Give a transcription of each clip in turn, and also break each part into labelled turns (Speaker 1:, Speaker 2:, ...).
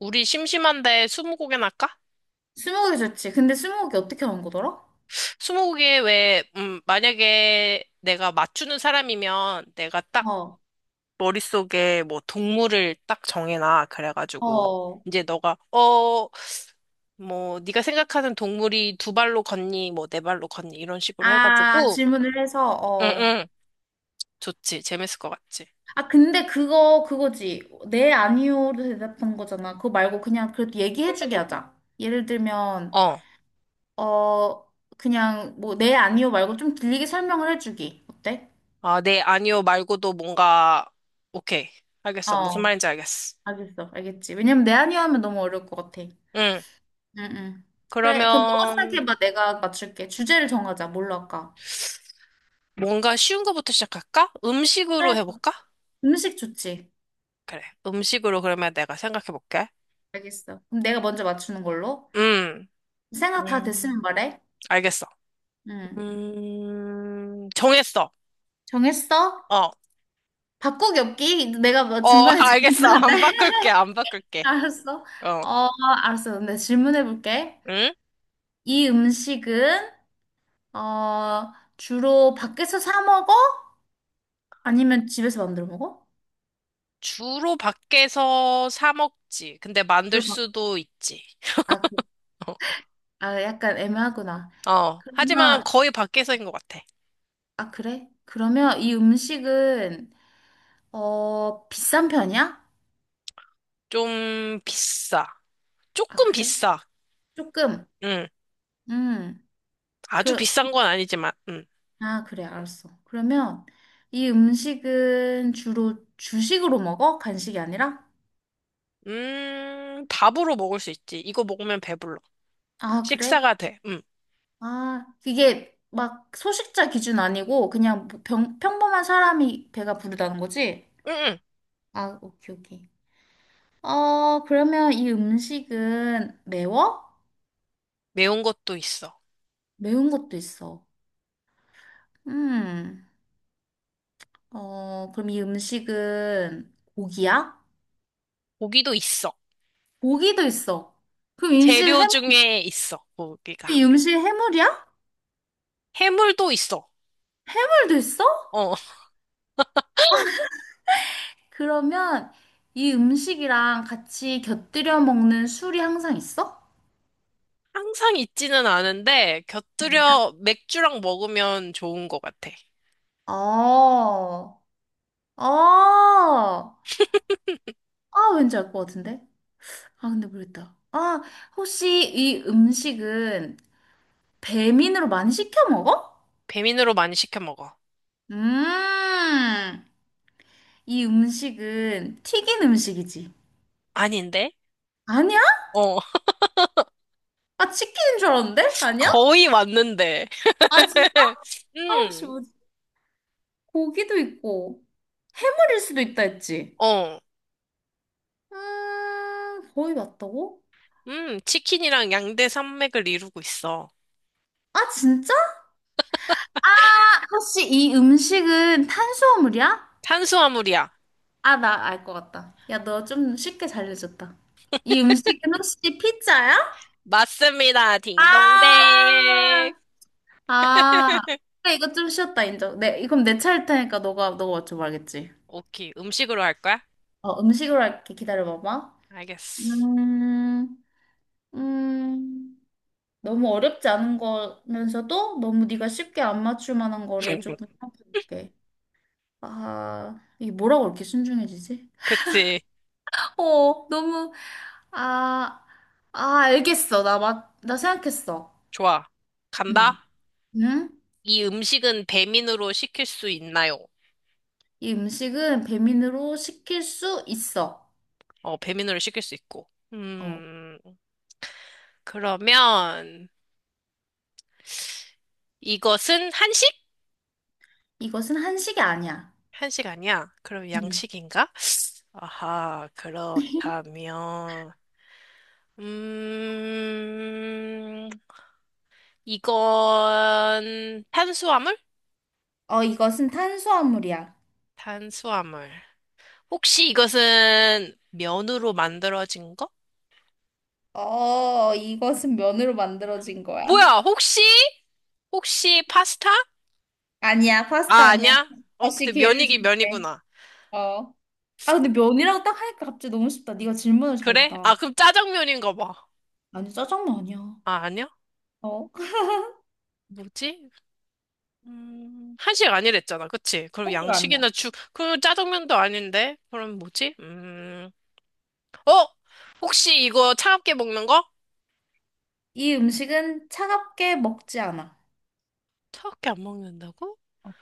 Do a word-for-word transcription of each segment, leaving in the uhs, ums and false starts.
Speaker 1: 우리 심심한데 스무고개나 할까?
Speaker 2: 스무고개 좋지. 근데 스무고개 어떻게 하는 거더라?
Speaker 1: 스무고개 왜, 음, 만약에 내가 맞추는 사람이면 내가 딱
Speaker 2: 어,
Speaker 1: 머릿속에 뭐 동물을 딱 정해놔. 그래가지고
Speaker 2: 어.
Speaker 1: 이제 너가, 어, 뭐 네가 생각하는 동물이 두 발로 걷니, 뭐 네 발로 걷니 이런 식으로
Speaker 2: 아,
Speaker 1: 해가지고,
Speaker 2: 질문을 해서,
Speaker 1: 응,
Speaker 2: 어.
Speaker 1: 응, 좋지. 재밌을 것 같지?
Speaker 2: 아, 근데 그거, 그거지. 네, 아니요로 대답한 거잖아. 그거 말고 그냥 그래도 얘기해주게 하자. 예를 들면,
Speaker 1: 어,
Speaker 2: 어, 그냥 뭐, 네, 아니요 말고 좀 길게 설명을 해주기. 어때?
Speaker 1: 아, 네, 아니요 말고도 뭔가, 오케이. 알겠어. 무슨
Speaker 2: 어,
Speaker 1: 말인지 알겠어.
Speaker 2: 알겠어. 알겠지. 왜냐면 네, 아니요 하면 너무 어려울 것 같아.
Speaker 1: 응.
Speaker 2: 응, 응. 그래, 그럼 너가
Speaker 1: 그러면,
Speaker 2: 생각해봐. 내가 맞출게. 주제를 정하자. 뭘로 할까?
Speaker 1: 뭔가 쉬운 거부터 시작할까? 음식으로
Speaker 2: 그래,
Speaker 1: 해볼까?
Speaker 2: 음식 좋지.
Speaker 1: 그래. 음식으로 그러면 내가 생각해볼게.
Speaker 2: 알겠어. 그럼 내가 먼저 맞추는 걸로.
Speaker 1: 음,
Speaker 2: 생각 다 됐으면
Speaker 1: 음,
Speaker 2: 말해.
Speaker 1: 알겠어.
Speaker 2: 응.
Speaker 1: 음, 정했어.
Speaker 2: 정했어?
Speaker 1: 어,
Speaker 2: 바꾸기 없기? 내가 뭐
Speaker 1: 어,
Speaker 2: 중간에
Speaker 1: 알겠어.
Speaker 2: 질문하는데.
Speaker 1: 안 바꿀게, 안 바꿀게.
Speaker 2: 알았어.
Speaker 1: 어,
Speaker 2: 어, 알았어. 근데 질문해 볼게.
Speaker 1: 응?
Speaker 2: 이 음식은, 어, 주로 밖에서 사 먹어? 아니면 집에서 만들어 먹어?
Speaker 1: 주로 밖에서 사 먹지. 근데 만들
Speaker 2: 주로 밖.
Speaker 1: 수도 있지.
Speaker 2: 아, 그, 아, 약간 애매하구나.
Speaker 1: 어, 하지만
Speaker 2: 그러면,
Speaker 1: 거의 밖에서인 것 같아.
Speaker 2: 아, 그래? 그러면 이 음식은, 어, 비싼 편이야?
Speaker 1: 좀 비싸.
Speaker 2: 아,
Speaker 1: 조금
Speaker 2: 그래?
Speaker 1: 비싸.
Speaker 2: 조금.
Speaker 1: 응,
Speaker 2: 음.
Speaker 1: 아주
Speaker 2: 그,
Speaker 1: 비싼 건 아니지만, 응.
Speaker 2: 아, 그래, 알았어. 그러면 이 음식은 주로 주식으로 먹어? 간식이 아니라?
Speaker 1: 음, 밥으로 먹을 수 있지. 이거 먹으면 배불러.
Speaker 2: 아, 그래?
Speaker 1: 식사가 돼. 응,
Speaker 2: 아, 이게 막 소식자 기준 아니고 그냥 뭐 병, 평범한 사람이 배가 부르다는 거지?
Speaker 1: 응, 응.
Speaker 2: 아, 오케이, 오케이. 어, 그러면 이 음식은 매워?
Speaker 1: 매운 것도 있어.
Speaker 2: 매운 것도 있어. 음, 어, 그럼 이 음식은 고기야?
Speaker 1: 고기도 있어.
Speaker 2: 고기도 있어. 그럼 이 음식
Speaker 1: 재료
Speaker 2: 해물,
Speaker 1: 중에 있어, 고기가.
Speaker 2: 이 음식 해물이야?
Speaker 1: 해물도 있어.
Speaker 2: 해물도 있어?
Speaker 1: 어,
Speaker 2: 그러면 이 음식이랑 같이 곁들여 먹는 술이 항상 있어?
Speaker 1: 항상 있지는 않은데,
Speaker 2: 뭐 다-
Speaker 1: 곁들여 맥주랑 먹으면 좋은 것 같아.
Speaker 2: 어, 어, 아, 왠지 알 것 같은데? 아, 근데 모르겠다. 아, 혹시 이 음식은 배민으로 많이 시켜 먹어?
Speaker 1: 배민으로 많이 시켜 먹어.
Speaker 2: 음, 이 음식은 튀긴 음식이지.
Speaker 1: 아닌데?
Speaker 2: 아니야?
Speaker 1: 어,
Speaker 2: 아, 치킨인 줄 알았는데? 아니야?
Speaker 1: 거의 왔는데.
Speaker 2: 아, 진짜? 아, 혹시
Speaker 1: 음,
Speaker 2: 뭐지? 고기도 있고, 해물일 수도 있다 했지?
Speaker 1: 어,
Speaker 2: 음, 거의 맞다고?
Speaker 1: 음, 치킨이랑 양대 산맥을 이루고 있어.
Speaker 2: 아, 진짜? 아, 혹시 이 음식은 탄수화물이야?
Speaker 1: 탄수화물이야.
Speaker 2: 아, 나 알 것 같다. 야, 너 좀 쉽게 잘려줬다. 이 음식은 혹시 피자야?
Speaker 1: 맞습니다. 딩동댕.
Speaker 2: 아, 아. 그래, 이거 좀 쉬웠다, 인정. 네, 그럼 내 차일 테니까 너가, 너가 맞춰봐야겠지.
Speaker 1: 오케이. 음식으로 할 거야?
Speaker 2: 어, 음식으로 할게. 기다려봐봐.
Speaker 1: 알겠어.
Speaker 2: 음, 음, 너무 어렵지 않은 거면서도 너무 네가 쉽게 안 맞출 만한 거를 조금 생각해볼게. 아, 이게 뭐라고 이렇게 신중해지지?
Speaker 1: 그치.
Speaker 2: 어, 너무, 아, 아, 알겠어. 나 맞, 나 생각했어.
Speaker 1: 좋아.
Speaker 2: 응,
Speaker 1: 간다.
Speaker 2: 응?
Speaker 1: 이 음식은 배민으로 시킬 수 있나요?
Speaker 2: 이 음식은 배민으로 시킬 수 있어.
Speaker 1: 어, 배민으로 시킬 수 있고.
Speaker 2: 어,
Speaker 1: 음, 그러면 이것은 한식?
Speaker 2: 이것은 한식이 아니야.
Speaker 1: 한식 아니야. 그럼
Speaker 2: 응.
Speaker 1: 양식인가? 아하, 그렇다면, 음, 이건 탄수화물?
Speaker 2: 어, 이것은 탄수화물이야.
Speaker 1: 탄수화물. 혹시 이것은 면으로 만들어진 거?
Speaker 2: 어, 이것은 면으로 만들어진 거야.
Speaker 1: 뭐야, 혹시? 혹시 파스타?
Speaker 2: 아니야, 파스타
Speaker 1: 아,
Speaker 2: 아니야.
Speaker 1: 아니야? 어,
Speaker 2: 다시
Speaker 1: 근데
Speaker 2: 기회를
Speaker 1: 면이긴
Speaker 2: 줄게.
Speaker 1: 면이구나.
Speaker 2: 어. 아, 근데 면이라고 딱 하니까 갑자기 너무 쉽다. 네가 질문을
Speaker 1: 그래?
Speaker 2: 잘했다.
Speaker 1: 아, 그럼 짜장면인가 봐.
Speaker 2: 아니, 짜장면 아니야.
Speaker 1: 아, 아니야?
Speaker 2: 어?
Speaker 1: 뭐지? 음, 한식 아니랬잖아. 그치? 그럼
Speaker 2: 한식 아니야.
Speaker 1: 양식이나 죽, 그럼 짜장면도 아닌데? 그럼 뭐지? 음, 어? 혹시 이거 차갑게 먹는 거?
Speaker 2: 이 음식은 차갑게 먹지 않아.
Speaker 1: 차갑게 안 먹는다고?
Speaker 2: 어,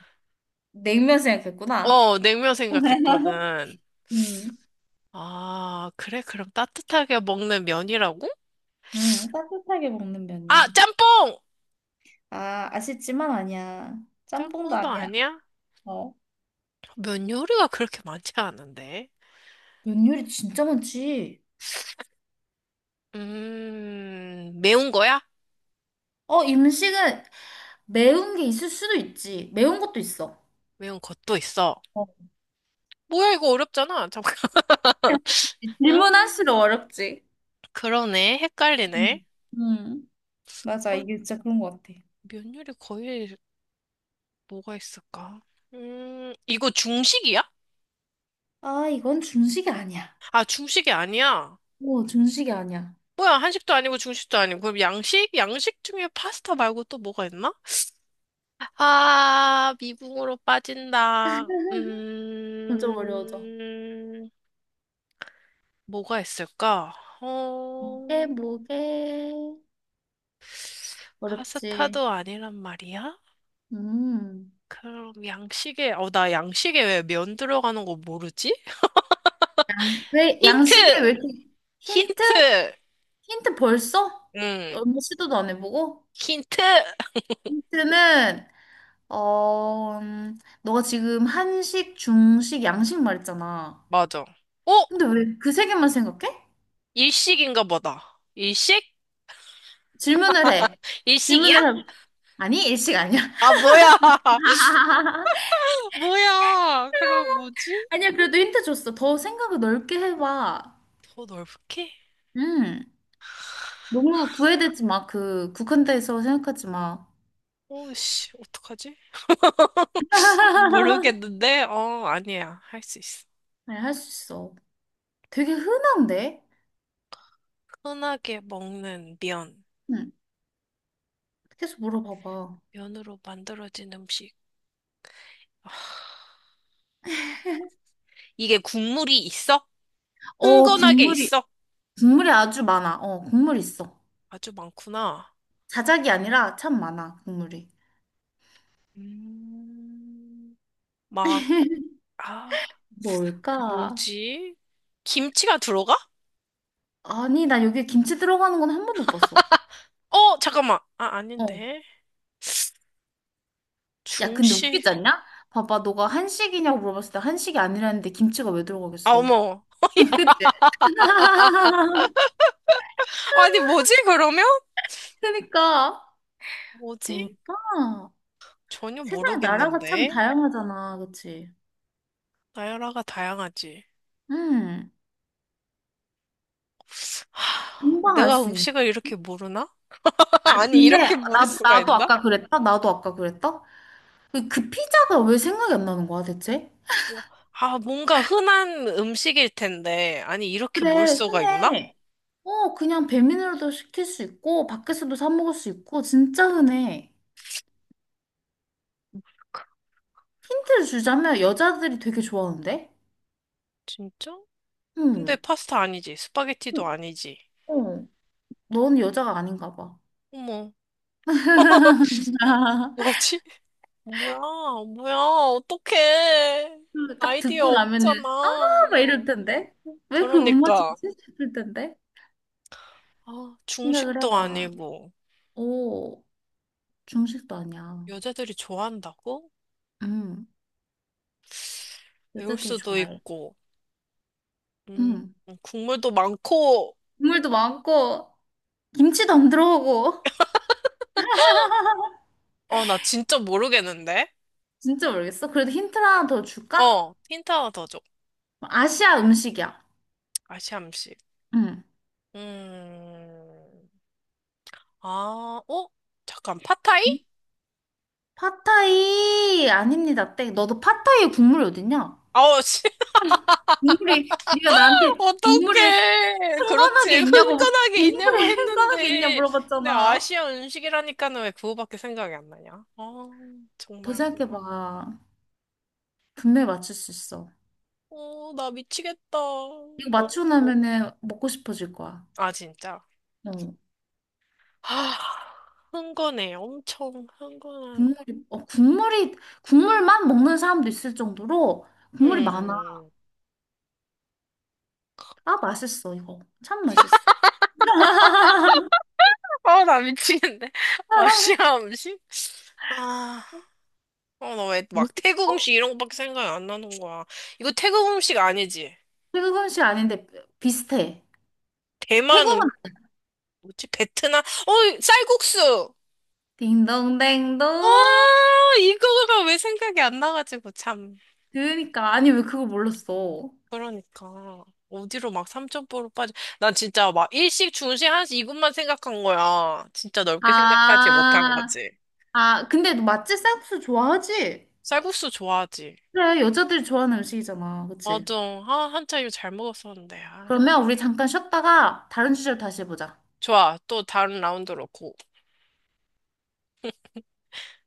Speaker 2: 냉면 생각했구나.
Speaker 1: 어, 냉면 생각했거든.
Speaker 2: 음,
Speaker 1: 아, 그래? 그럼 따뜻하게 먹는 면이라고?
Speaker 2: 음, 따뜻하게 먹는 면이야.
Speaker 1: 아, 짬뽕!
Speaker 2: 아, 아쉽지만 아니야. 짬뽕도
Speaker 1: 짬뽕도
Speaker 2: 아니야.
Speaker 1: 아니야?
Speaker 2: 어.
Speaker 1: 면 요리가 그렇게 많지 않은데.
Speaker 2: 면 요리 진짜 많지.
Speaker 1: 음, 매운 거야?
Speaker 2: 어, 음식은 매운 게 있을 수도 있지. 매운 것도 있어.
Speaker 1: 매운 것도 있어.
Speaker 2: 어.
Speaker 1: 뭐야, 이거 어렵잖아. 잠깐. 아,
Speaker 2: 질문할수록 어렵지.
Speaker 1: 그러네. 헷갈리네.
Speaker 2: 음. 음, 맞아.
Speaker 1: 어,
Speaker 2: 이게 진짜 그런 것 같아.
Speaker 1: 면 요리 거의 뭐가 있을까? 음, 이거 중식이야?
Speaker 2: 아, 이건 중식이 아니야.
Speaker 1: 아, 중식이 아니야.
Speaker 2: 오, 중식이 아니야.
Speaker 1: 뭐야, 한식도 아니고 중식도 아니고. 그럼 양식? 양식 중에 파스타 말고 또 뭐가 있나? 아, 미궁으로 빠진다.
Speaker 2: 점점 어려워져.
Speaker 1: 음, 뭐가 있을까?
Speaker 2: 이게
Speaker 1: 어,
Speaker 2: 뭐게? 어렵지.
Speaker 1: 파스타도 아니란 말이야?
Speaker 2: 음.
Speaker 1: 그럼 양식에, 어, 나 양식에 왜 면 들어가는 거 모르지?
Speaker 2: 왜, 양식이
Speaker 1: 힌트!
Speaker 2: 왜 이렇게, 힌트?
Speaker 1: 힌트!
Speaker 2: 힌트 벌써?
Speaker 1: 응,
Speaker 2: 얼마 시도도 안 해보고?
Speaker 1: 힌트!
Speaker 2: 힌트는, 어, 음, 너가 지금 한식, 중식, 양식 말했잖아.
Speaker 1: 맞아. 어?
Speaker 2: 근데 왜 그 세 개만 생각해?
Speaker 1: 일식인가 보다. 일식?
Speaker 2: 질문을 해.
Speaker 1: 일식이야?
Speaker 2: 질문을 해. 아니, 일식 아니야.
Speaker 1: 아, 뭐야. 뭐야. 그럼 뭐지?
Speaker 2: 아니야, 그래도 힌트 줬어. 더 생각을 넓게 해봐.
Speaker 1: 더 넓게?
Speaker 2: 음. 너무 구애되지 마. 그, 국한돼서 생각하지 마.
Speaker 1: 오, 씨, 어떡하지? 모르겠는데? 어, 아니야. 할 수 있어.
Speaker 2: 네, 할 수 있어. 되게 흔한데?
Speaker 1: 흔하게 먹는 면.
Speaker 2: 응. 계속 물어봐봐.
Speaker 1: 면으로 만들어진 음식. 아, 이게 국물이 있어?
Speaker 2: 어,
Speaker 1: 흥건하게
Speaker 2: 국물이,
Speaker 1: 있어?
Speaker 2: 국물이 아주 많아. 어, 국물 있어.
Speaker 1: 아주 많구나.
Speaker 2: 자작이 아니라 참 많아, 국물이.
Speaker 1: 음, 막, 아,
Speaker 2: 뭘까?
Speaker 1: 뭐지? 김치가 들어가?
Speaker 2: 아니, 나 여기 김치 들어가는 건 한 번도 못 봤어.
Speaker 1: 어, 잠깐만. 아,
Speaker 2: 어.
Speaker 1: 아닌데.
Speaker 2: 야, 근데
Speaker 1: 중식.
Speaker 2: 웃기지 않냐? 봐봐, 너가 한식이냐고 물어봤을 때 한식이 아니라는데 김치가 왜
Speaker 1: 아,
Speaker 2: 들어가겠어?
Speaker 1: 어머.
Speaker 2: 그치?
Speaker 1: 아니, 뭐지, 그러면?
Speaker 2: 그니까.
Speaker 1: 뭐지?
Speaker 2: 뭘까?
Speaker 1: 전혀
Speaker 2: 세상에 나라가 참
Speaker 1: 모르겠는데.
Speaker 2: 다양하잖아, 그치?
Speaker 1: 나열아가 다양하지.
Speaker 2: 음.
Speaker 1: 하,
Speaker 2: 금방 알
Speaker 1: 내가
Speaker 2: 수 있는.
Speaker 1: 음식을 이렇게 모르나?
Speaker 2: 아,
Speaker 1: 아니,
Speaker 2: 근데
Speaker 1: 이렇게 모를
Speaker 2: 나,
Speaker 1: 수가
Speaker 2: 나도
Speaker 1: 있나?
Speaker 2: 아까 그랬다? 나도 아까 그랬다? 그, 그 피자가 왜 생각이 안 나는 거야, 대체?
Speaker 1: 어, 아, 뭔가 흔한 음식일 텐데. 아니, 이렇게 몰
Speaker 2: 그래,
Speaker 1: 수가 있나?
Speaker 2: 흔해. 어, 그냥 배민으로도 시킬 수 있고, 밖에서도 사 먹을 수 있고, 진짜 흔해. 힌트를 주자면 여자들이 되게 좋아하는데?
Speaker 1: 진짜? 근데
Speaker 2: 응.
Speaker 1: 파스타 아니지. 스파게티도 아니지.
Speaker 2: 어, 넌 여자가 아닌가 봐.
Speaker 1: 어머, 뭐지? 뭐야, 뭐야, 어떡해.
Speaker 2: 딱
Speaker 1: 아이디어
Speaker 2: 듣고 나면은,
Speaker 1: 없잖아.
Speaker 2: 아, 막 이럴 텐데? 왜 그걸 못 맞추지?
Speaker 1: 그러니까.
Speaker 2: 싶을 텐데?
Speaker 1: 아,
Speaker 2: 생각을
Speaker 1: 중식도
Speaker 2: 해봐.
Speaker 1: 아니고.
Speaker 2: 오, 중식도 아니야.
Speaker 1: 여자들이 좋아한다고?
Speaker 2: 응,
Speaker 1: 배울
Speaker 2: 여자들이
Speaker 1: 수도
Speaker 2: 좋아해.
Speaker 1: 있고. 음,
Speaker 2: 응.
Speaker 1: 국물도 많고.
Speaker 2: 국물도 많고, 김치도 안 들어가고.
Speaker 1: 어, 나 진짜 모르겠는데?
Speaker 2: 진짜 모르겠어. 그래도 힌트 하나 더 줄까?
Speaker 1: 어, 힌트 하나 더 줘.
Speaker 2: 아시아 음식이야.
Speaker 1: 아시암식.
Speaker 2: 응.
Speaker 1: 음. 아, 어? 잠깐,
Speaker 2: 음?
Speaker 1: 팟타이?
Speaker 2: 팟타이 아닙니다. 땡. 너도 팟타이에 국물이 어딨냐?
Speaker 1: 아우, 씨,
Speaker 2: 국물이 네가 나한테 국물이
Speaker 1: 어떡해. 그렇지.
Speaker 2: 흥건하게 있냐고
Speaker 1: 흥건하게 있냐고
Speaker 2: 국물이 흥건하게 있냐
Speaker 1: 했는데. 근데
Speaker 2: 물어봤잖아.
Speaker 1: 아시아 음식이라니까는 왜 그거밖에 생각이 안 나냐? 아,
Speaker 2: 더
Speaker 1: 정말.
Speaker 2: 생각해봐. 분명히 맞출 수 있어.
Speaker 1: 어, 나 미치겠다. 어,
Speaker 2: 이거 맞추고 나면은 먹고 싶어질 거야.
Speaker 1: 아, 진짜.
Speaker 2: 어.
Speaker 1: 아, 흥건해. 엄청 흥건한.
Speaker 2: 국물이, 어, 국물이, 국물만 먹는 사람도 있을 정도로 국물이 많아.
Speaker 1: 음.
Speaker 2: 아, 맛있어, 이거. 참 맛있어.
Speaker 1: 아, 나 미치겠네. 아시아 음식? 아, 어, 나 왜 막 태국
Speaker 2: 모르겠어?
Speaker 1: 음식 이런 거밖에 생각이 안 나는 거야. 이거 태국 음식 아니지?
Speaker 2: 태국 음식 아닌데 비슷해.
Speaker 1: 대만
Speaker 2: 태국은
Speaker 1: 음, 뭐지? 베트남? 어, 쌀국수!
Speaker 2: 딩동댕동.
Speaker 1: 아, 이거가 왜 생각이 안 나가지고, 참.
Speaker 2: 그러니까 아니 왜 그걸 몰랐어?
Speaker 1: 그러니까. 어디로 막삼천포로 빠져. 난 진짜 막 일식, 중식, 한식 이것만 생각한 거야. 진짜 넓게 생각하지 못한
Speaker 2: 아,
Speaker 1: 거지.
Speaker 2: 아 근데 너 맛집 쌀국수 좋아하지?
Speaker 1: 쌀국수 좋아하지?
Speaker 2: 그래 여자들이 좋아하는 음식이잖아, 그치?
Speaker 1: 맞아. 아, 한참 이거 잘 먹었었는데. 아.
Speaker 2: 그러면 우리 잠깐 쉬었다가 다른 주제로 다시 해보자.
Speaker 1: 좋아. 또 다른 라운드로 고.